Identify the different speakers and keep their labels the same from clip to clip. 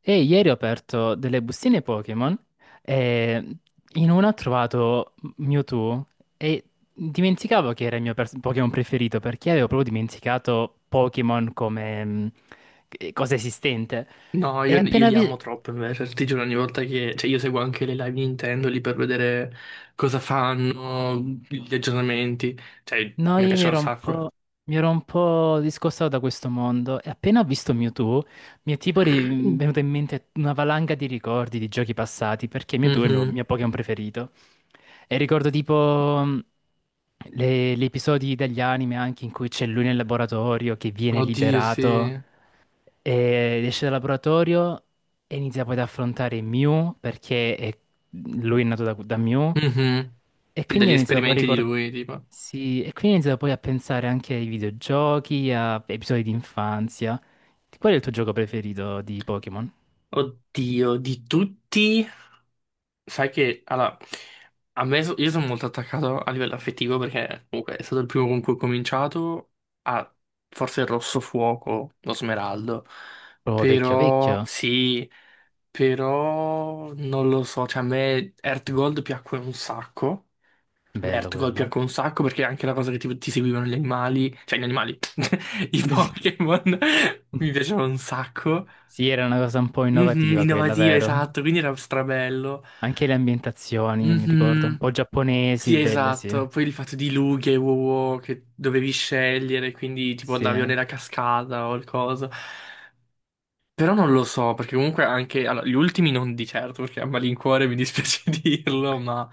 Speaker 1: E ieri ho aperto delle bustine Pokémon e in una ho trovato Mewtwo e dimenticavo che era il mio Pokémon preferito perché avevo proprio dimenticato Pokémon come cosa esistente.
Speaker 2: No,
Speaker 1: E
Speaker 2: io
Speaker 1: appena
Speaker 2: li
Speaker 1: vi-
Speaker 2: amo troppo invece, ti giuro ogni volta che... Cioè, io seguo anche le live Nintendo lì per vedere cosa fanno, gli aggiornamenti, cioè
Speaker 1: No,
Speaker 2: mi
Speaker 1: io mi
Speaker 2: piace un
Speaker 1: ero un
Speaker 2: sacco.
Speaker 1: po', mi ero un po' discostato da questo mondo e appena ho visto Mewtwo mi è tipo venuta in mente una valanga di ricordi di giochi passati perché Mewtwo è il mio,
Speaker 2: Mhm.
Speaker 1: mio Pokémon preferito. E ricordo tipo gli episodi degli anime anche in cui c'è lui nel laboratorio che viene
Speaker 2: Oddio,
Speaker 1: liberato.
Speaker 2: sì.
Speaker 1: E esce dal laboratorio e inizia poi ad affrontare Mew perché lui è nato da Mew
Speaker 2: Mhm.
Speaker 1: e
Speaker 2: Sì,
Speaker 1: quindi
Speaker 2: degli
Speaker 1: ha iniziato poi a
Speaker 2: esperimenti di
Speaker 1: ricordare
Speaker 2: lui, tipo.
Speaker 1: sì, e quindi ha iniziato poi a pensare anche ai videogiochi, a episodi di infanzia. Qual è il tuo gioco preferito di Pokémon?
Speaker 2: Oddio, di tutti... Sai che allora, io sono molto attaccato a livello affettivo perché comunque è stato il primo con cui ho cominciato a forse il rosso fuoco, lo smeraldo.
Speaker 1: Oh, vecchio
Speaker 2: Però
Speaker 1: vecchio?
Speaker 2: sì, però non lo so, cioè a me Earthgold piacque un sacco. A me
Speaker 1: Bello
Speaker 2: Earthgold
Speaker 1: quello.
Speaker 2: piacque un sacco perché anche la cosa che ti seguivano gli animali, cioè gli animali, i Pokémon mi piacevano un sacco.
Speaker 1: Sì, era una cosa un po'
Speaker 2: Mhm,
Speaker 1: innovativa quella,
Speaker 2: innovativa,
Speaker 1: vero?
Speaker 2: esatto, quindi era strabello.
Speaker 1: Anche le ambientazioni, mi ricordo, un
Speaker 2: Mhm.
Speaker 1: po'
Speaker 2: Sì,
Speaker 1: giapponesi, belle, sì.
Speaker 2: esatto. Poi il fatto di lughe e wow wow che dovevi scegliere, quindi tipo
Speaker 1: Sì,
Speaker 2: andavi o nella cascata o il coso. Però non lo so, perché comunque anche allora, gli ultimi non di certo, perché a malincuore mi dispiace dirlo, ma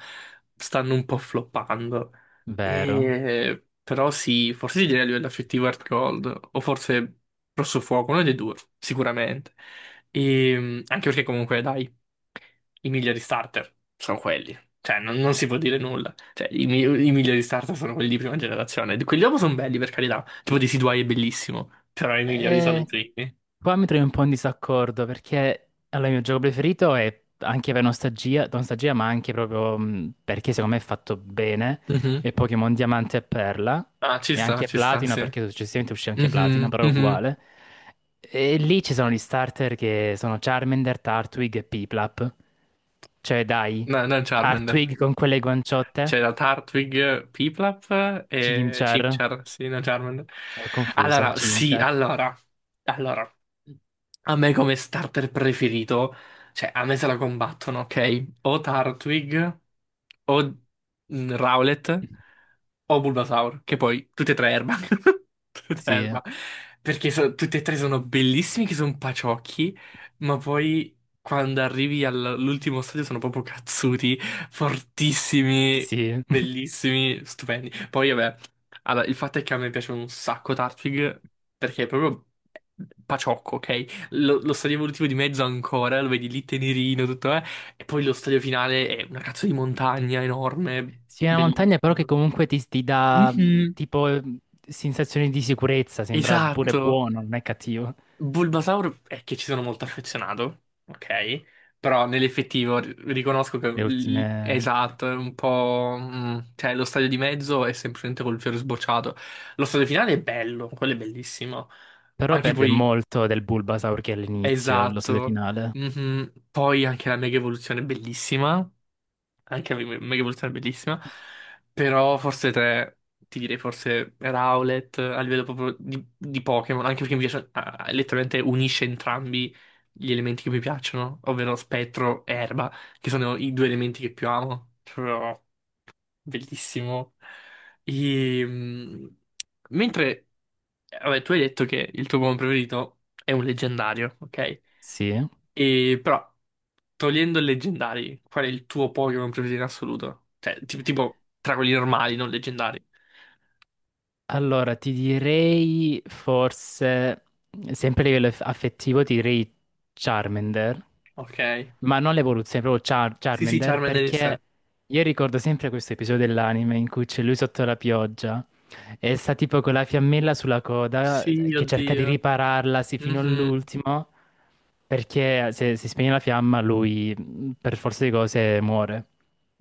Speaker 2: stanno un po' floppando.
Speaker 1: vero.
Speaker 2: Però sì, forse ti direi a livello affettivo Heart Gold, o forse Rosso Fuoco, uno dei due, sicuramente. Anche perché comunque, dai, i migliori starter sono quelli. Cioè, non si può dire nulla. Cioè, i migliori starter sono quelli di prima generazione. Quelli dopo sono belli, per carità. Tipo di Decidueye è bellissimo, però i migliori sono i
Speaker 1: Eh,
Speaker 2: primi.
Speaker 1: Qua mi trovo un po' in disaccordo perché allora, il mio gioco preferito è anche per nostalgia, nostalgia ma anche proprio perché secondo me è fatto bene,
Speaker 2: Mhm.
Speaker 1: è Pokémon Diamante e Perla
Speaker 2: Ah,
Speaker 1: e anche
Speaker 2: ci sta,
Speaker 1: Platino
Speaker 2: sì.
Speaker 1: perché successivamente uscì anche Platino,
Speaker 2: Mhm,
Speaker 1: però è
Speaker 2: mhm.
Speaker 1: uguale. E lì ci sono gli starter che sono Charmander, Turtwig e Piplup. Cioè dai,
Speaker 2: No, non Charmander.
Speaker 1: Turtwig con quelle guanciotte,
Speaker 2: C'era Turtwig, Piplup e
Speaker 1: Chimchar,
Speaker 2: Chimchar, sì, non Charmander.
Speaker 1: ho confuso,
Speaker 2: Allora, sì,
Speaker 1: Chimchar.
Speaker 2: allora. Allora, A me come starter preferito, cioè a me se la combattono, ok? O Turtwig, o Rowlet, o Bulbasaur, che poi tutte e tre erba. Tutte e tre
Speaker 1: Sì,
Speaker 2: erba. Perché tutte e tre sono bellissimi, che sono paciocchi, ma poi quando arrivi all'ultimo stadio sono proprio cazzuti, fortissimi,
Speaker 1: sì.
Speaker 2: bellissimi, stupendi. Poi vabbè, allora, il fatto è che a me piace un sacco Turtwig, perché è proprio paciocco, ok? Lo stadio evolutivo di mezzo ancora, lo vedi lì tenerino, tutto, eh? E poi lo stadio finale è una cazzo di montagna enorme,
Speaker 1: Sì, è una montagna però che
Speaker 2: bellissimo.
Speaker 1: comunque ti dà
Speaker 2: Mhm,
Speaker 1: sensazioni di sicurezza, sembra pure
Speaker 2: esatto.
Speaker 1: buono, non è cattivo.
Speaker 2: Bulbasaur è che ci sono molto affezionato, ok? Però nell'effettivo riconosco che
Speaker 1: Le
Speaker 2: è
Speaker 1: ultime...
Speaker 2: esatto, è un po' cioè lo stadio di mezzo è semplicemente col fiore sbocciato. Lo stadio finale è bello, quello è bellissimo.
Speaker 1: Però
Speaker 2: Anche
Speaker 1: perde
Speaker 2: poi,
Speaker 1: molto del Bulbasaur che è all'inizio, lo stadio
Speaker 2: esatto.
Speaker 1: finale.
Speaker 2: Mhm. Poi anche la mega evoluzione è bellissima. Anche Megavoluzione è bellissima, però forse tre, ti direi forse Rowlet a livello proprio di, Pokémon, anche perché mi piace, letteralmente unisce entrambi gli elementi che mi piacciono, ovvero spettro e erba, che sono i due elementi che più amo. Bellissimo. E, mentre, vabbè, tu hai detto che il tuo Pokémon preferito è un leggendario, ok?
Speaker 1: Sì.
Speaker 2: E però, togliendo i leggendari, qual è il tuo Pokémon preferito in assoluto? Cioè, tipo tra quelli normali, non leggendari.
Speaker 1: Allora, ti direi forse, sempre a livello affettivo, ti direi Charmander,
Speaker 2: Ok.
Speaker 1: ma non l'evoluzione, proprio
Speaker 2: Sì, sì,
Speaker 1: Charmander,
Speaker 2: Charmander in sé.
Speaker 1: perché io ricordo sempre questo episodio dell'anime in cui c'è lui sotto la pioggia e sta tipo con la fiammella sulla coda
Speaker 2: Sì,
Speaker 1: che cerca di
Speaker 2: oddio.
Speaker 1: ripararla sì, fino
Speaker 2: Mhm.
Speaker 1: all'ultimo, perché se si spegne la fiamma lui per forza di cose muore.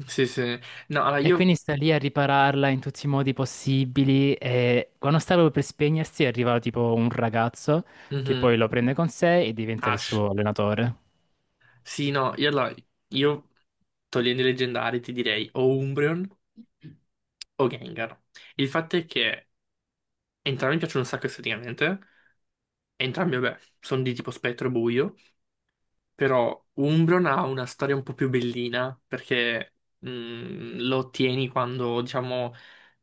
Speaker 2: Sì, sì. No, allora
Speaker 1: E quindi
Speaker 2: io...
Speaker 1: sta lì a ripararla in tutti i modi possibili e quando stava per spegnersi arriva tipo un ragazzo che
Speaker 2: Mhm.
Speaker 1: poi lo prende con sé e diventa il
Speaker 2: Ash.
Speaker 1: suo allenatore.
Speaker 2: Sì, no, io allora... Io, togliendo i leggendari, ti direi o Umbreon, o Gengar. Il fatto è che entrambi mi piacciono un sacco esteticamente, entrambi, vabbè, sono di tipo spettro e buio, però Umbron ha una storia un po' più bellina perché lo ottieni quando, diciamo,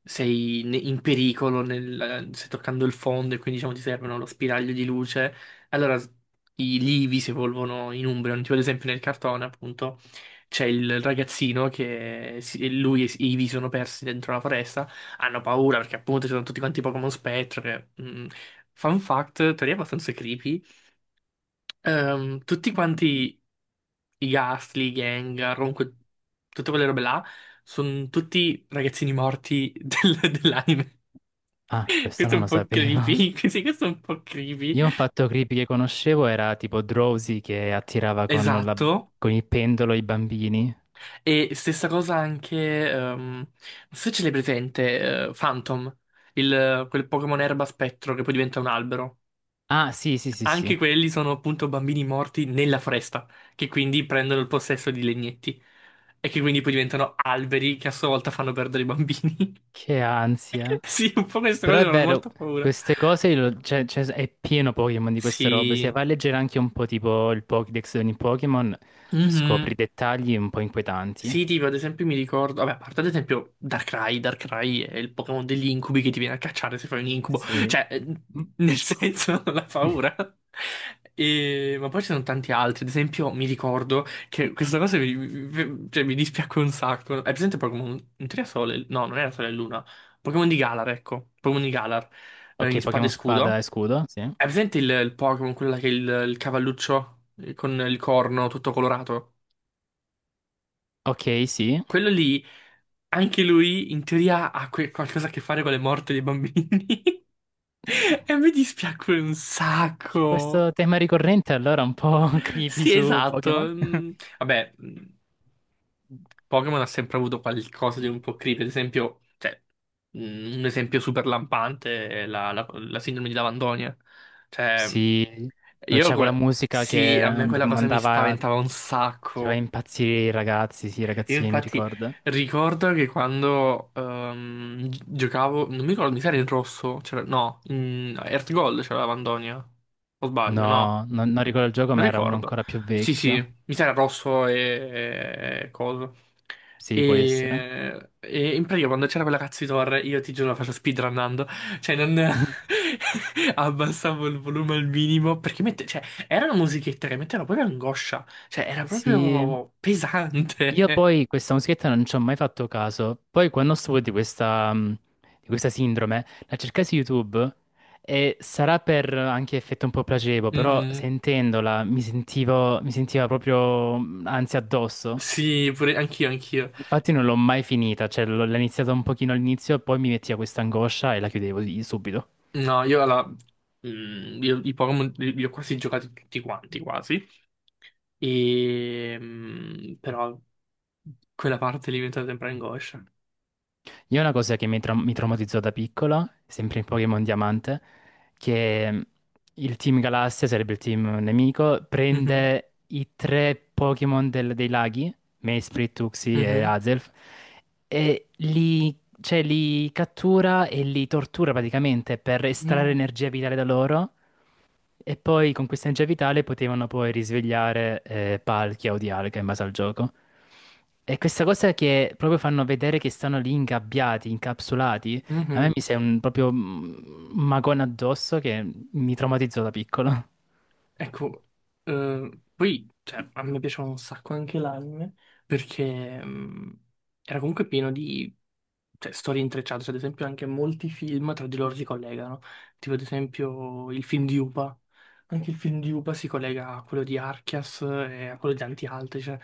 Speaker 2: sei in pericolo, stai toccando il fondo e quindi, diciamo, ti servono lo spiraglio di luce. Allora i livi si evolvono in Umbron. Tipo, ad esempio, nel cartone, appunto, c'è il ragazzino che lui e Ivy sono persi dentro la foresta. Hanno paura perché, appunto, ci sono tutti quanti Pokémon spettro che... Fun fact, teoria abbastanza creepy. Tutti quanti i Gastly, i Gengar, comunque tutte quelle robe là, sono tutti ragazzini morti dell'anime.
Speaker 1: Ah, questo
Speaker 2: Questo è
Speaker 1: non
Speaker 2: un
Speaker 1: lo
Speaker 2: po'
Speaker 1: sapevo.
Speaker 2: creepy, sì, questo è un po' creepy.
Speaker 1: Io un fatto creepy che conoscevo era tipo Drowsy che attirava
Speaker 2: Esatto.
Speaker 1: con il pendolo i bambini.
Speaker 2: E stessa cosa anche, non so se ce l'hai presente, Phantom, quel Pokémon erba spettro che poi diventa un albero.
Speaker 1: Ah, sì, sì, sì,
Speaker 2: Anche
Speaker 1: sì.
Speaker 2: quelli sono appunto bambini morti nella foresta, che quindi prendono il possesso di legnetti e che quindi poi diventano alberi che a sua volta fanno perdere i bambini.
Speaker 1: Che ansia.
Speaker 2: Sì, un po' queste
Speaker 1: Però
Speaker 2: cose
Speaker 1: è
Speaker 2: fanno
Speaker 1: vero,
Speaker 2: molta paura.
Speaker 1: queste cose cioè, è pieno Pokémon di queste robe. Se
Speaker 2: Sì.
Speaker 1: vai a leggere anche un po' tipo il Pokédex di ogni Pokémon, scopri
Speaker 2: Mhm.
Speaker 1: dettagli un po' inquietanti.
Speaker 2: Sì, tipo, ad esempio mi ricordo, vabbè, a parte ad esempio Darkrai, Darkrai è il Pokémon degli incubi che ti viene a cacciare se fai un incubo,
Speaker 1: Sì.
Speaker 2: cioè,
Speaker 1: Mm.
Speaker 2: nel senso, la paura. Ma poi ci sono tanti altri, ad esempio mi ricordo che questa cosa mi, cioè, mi dispiacque un sacco. Hai presente Pokémon, in teoria Sole, no, non era Sole e Luna, Pokémon di Galar, ecco, Pokémon di Galar, in
Speaker 1: Ok,
Speaker 2: Spada e
Speaker 1: Pokémon Spada e
Speaker 2: Scudo?
Speaker 1: Scudo, sì.
Speaker 2: Hai presente il, Pokémon, quella che è il cavalluccio con il corno tutto colorato?
Speaker 1: Ok, sì.
Speaker 2: Quello lì, anche lui, in teoria, ha qualcosa a che fare con le morte dei bambini.
Speaker 1: Mm,
Speaker 2: E mi dispiace un
Speaker 1: C'è
Speaker 2: sacco.
Speaker 1: questo tema ricorrente allora un po' creepy
Speaker 2: Sì,
Speaker 1: su
Speaker 2: esatto.
Speaker 1: Pokémon.
Speaker 2: Vabbè, Pokémon ha sempre avuto qualcosa di un po' creepy. Ad esempio, cioè, un esempio super lampante è la, la sindrome di Lavandonia. Cioè,
Speaker 1: Sì, dove c'è quella musica
Speaker 2: sì,
Speaker 1: che
Speaker 2: a me quella cosa mi
Speaker 1: mandava,
Speaker 2: spaventava un
Speaker 1: faceva
Speaker 2: sacco.
Speaker 1: impazzire i ragazzi, sì, i
Speaker 2: Io,
Speaker 1: ragazzini, mi
Speaker 2: infatti,
Speaker 1: ricordo.
Speaker 2: ricordo che quando giocavo, non mi ricordo, mi sa era in rosso, no, in Earth Gold c'era Lavandonia. O sbaglio, no?
Speaker 1: No, non ricordo il gioco,
Speaker 2: Non
Speaker 1: ma era uno
Speaker 2: ricordo.
Speaker 1: ancora più
Speaker 2: Sì, sì,
Speaker 1: vecchio.
Speaker 2: mi sa rosso e coso.
Speaker 1: Sì, può essere.
Speaker 2: E in pratica quando c'era quella cazzo di torre, io ti giuro la faccio speedrunnando. Cioè, non abbassavo il volume al minimo. Perché mette... cioè, era una musichetta che metteva proprio angoscia. Cioè, era
Speaker 1: Sì,
Speaker 2: proprio
Speaker 1: io
Speaker 2: pesante.
Speaker 1: poi questa musichetta non ci ho mai fatto caso. Poi quando stuvo di questa sindrome, la cercai su YouTube e sarà per anche effetto un po' placebo, però
Speaker 2: Mhm.
Speaker 1: sentendola mi sentiva proprio ansia addosso.
Speaker 2: Sì, pure anch'io, anch'io.
Speaker 1: Infatti non l'ho mai finita, l'ho iniziata un pochino all'inizio, poi mi metteva questa angoscia e la chiudevo subito.
Speaker 2: No, io, i Pokémon li ho quasi giocati tutti quanti, quasi. E, però quella parte lì mi è diventata sempre angoscia.
Speaker 1: Io una cosa mi traumatizzò da piccolo, sempre in Pokémon Diamante, che il Team Galassia, sarebbe il team nemico,
Speaker 2: Mhm,
Speaker 1: prende i tre Pokémon dei laghi, Mesprit, Tuxi e
Speaker 2: mhm.
Speaker 1: Azelf, e li, cioè, li cattura e li tortura praticamente per estrarre
Speaker 2: No.
Speaker 1: energia vitale da loro e poi con questa energia vitale potevano poi risvegliare Palkia o Dialga in base al gioco. E questa cosa che proprio fanno vedere che stanno lì ingabbiati, incapsulati, a
Speaker 2: Mhm.
Speaker 1: me mi sembra un, proprio un magone addosso che mi traumatizzò da piccolo.
Speaker 2: Ecco, poi cioè, a me piaceva un sacco anche l'anime perché era comunque pieno di, cioè, storie intrecciate, cioè, ad esempio anche molti film tra di loro si collegano, tipo ad esempio il film di Upa, anche il film di Upa si collega a quello di Archias e a quello di Anti-Alte, cioè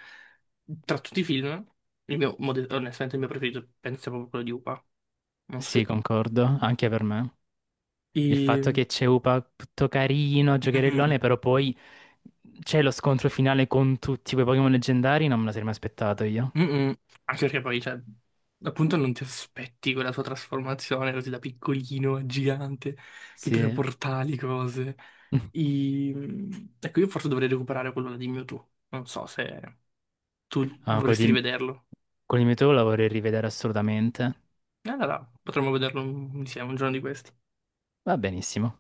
Speaker 2: tra tutti i film, onestamente il mio preferito penso sia proprio quello di Upa, non so
Speaker 1: Sì,
Speaker 2: se...
Speaker 1: concordo, anche per me. Il fatto
Speaker 2: E...
Speaker 1: che c'è Upa tutto carino, giocherellone, però poi c'è lo scontro finale con tutti quei Pokémon leggendari, non me lo sarei mai aspettato io.
Speaker 2: Mm-mm. Anche perché poi, cioè, appunto non ti aspetti quella sua trasformazione così da piccolino a gigante che crea
Speaker 1: Sì.
Speaker 2: portali, cose. Ecco, io forse dovrei recuperare quello di Mewtwo. Non so se tu
Speaker 1: Ah, quello
Speaker 2: vorresti
Speaker 1: di
Speaker 2: rivederlo.
Speaker 1: Con il meteo la vorrei rivedere assolutamente.
Speaker 2: Allora, potremmo vederlo insieme un giorno di questi.
Speaker 1: Va benissimo.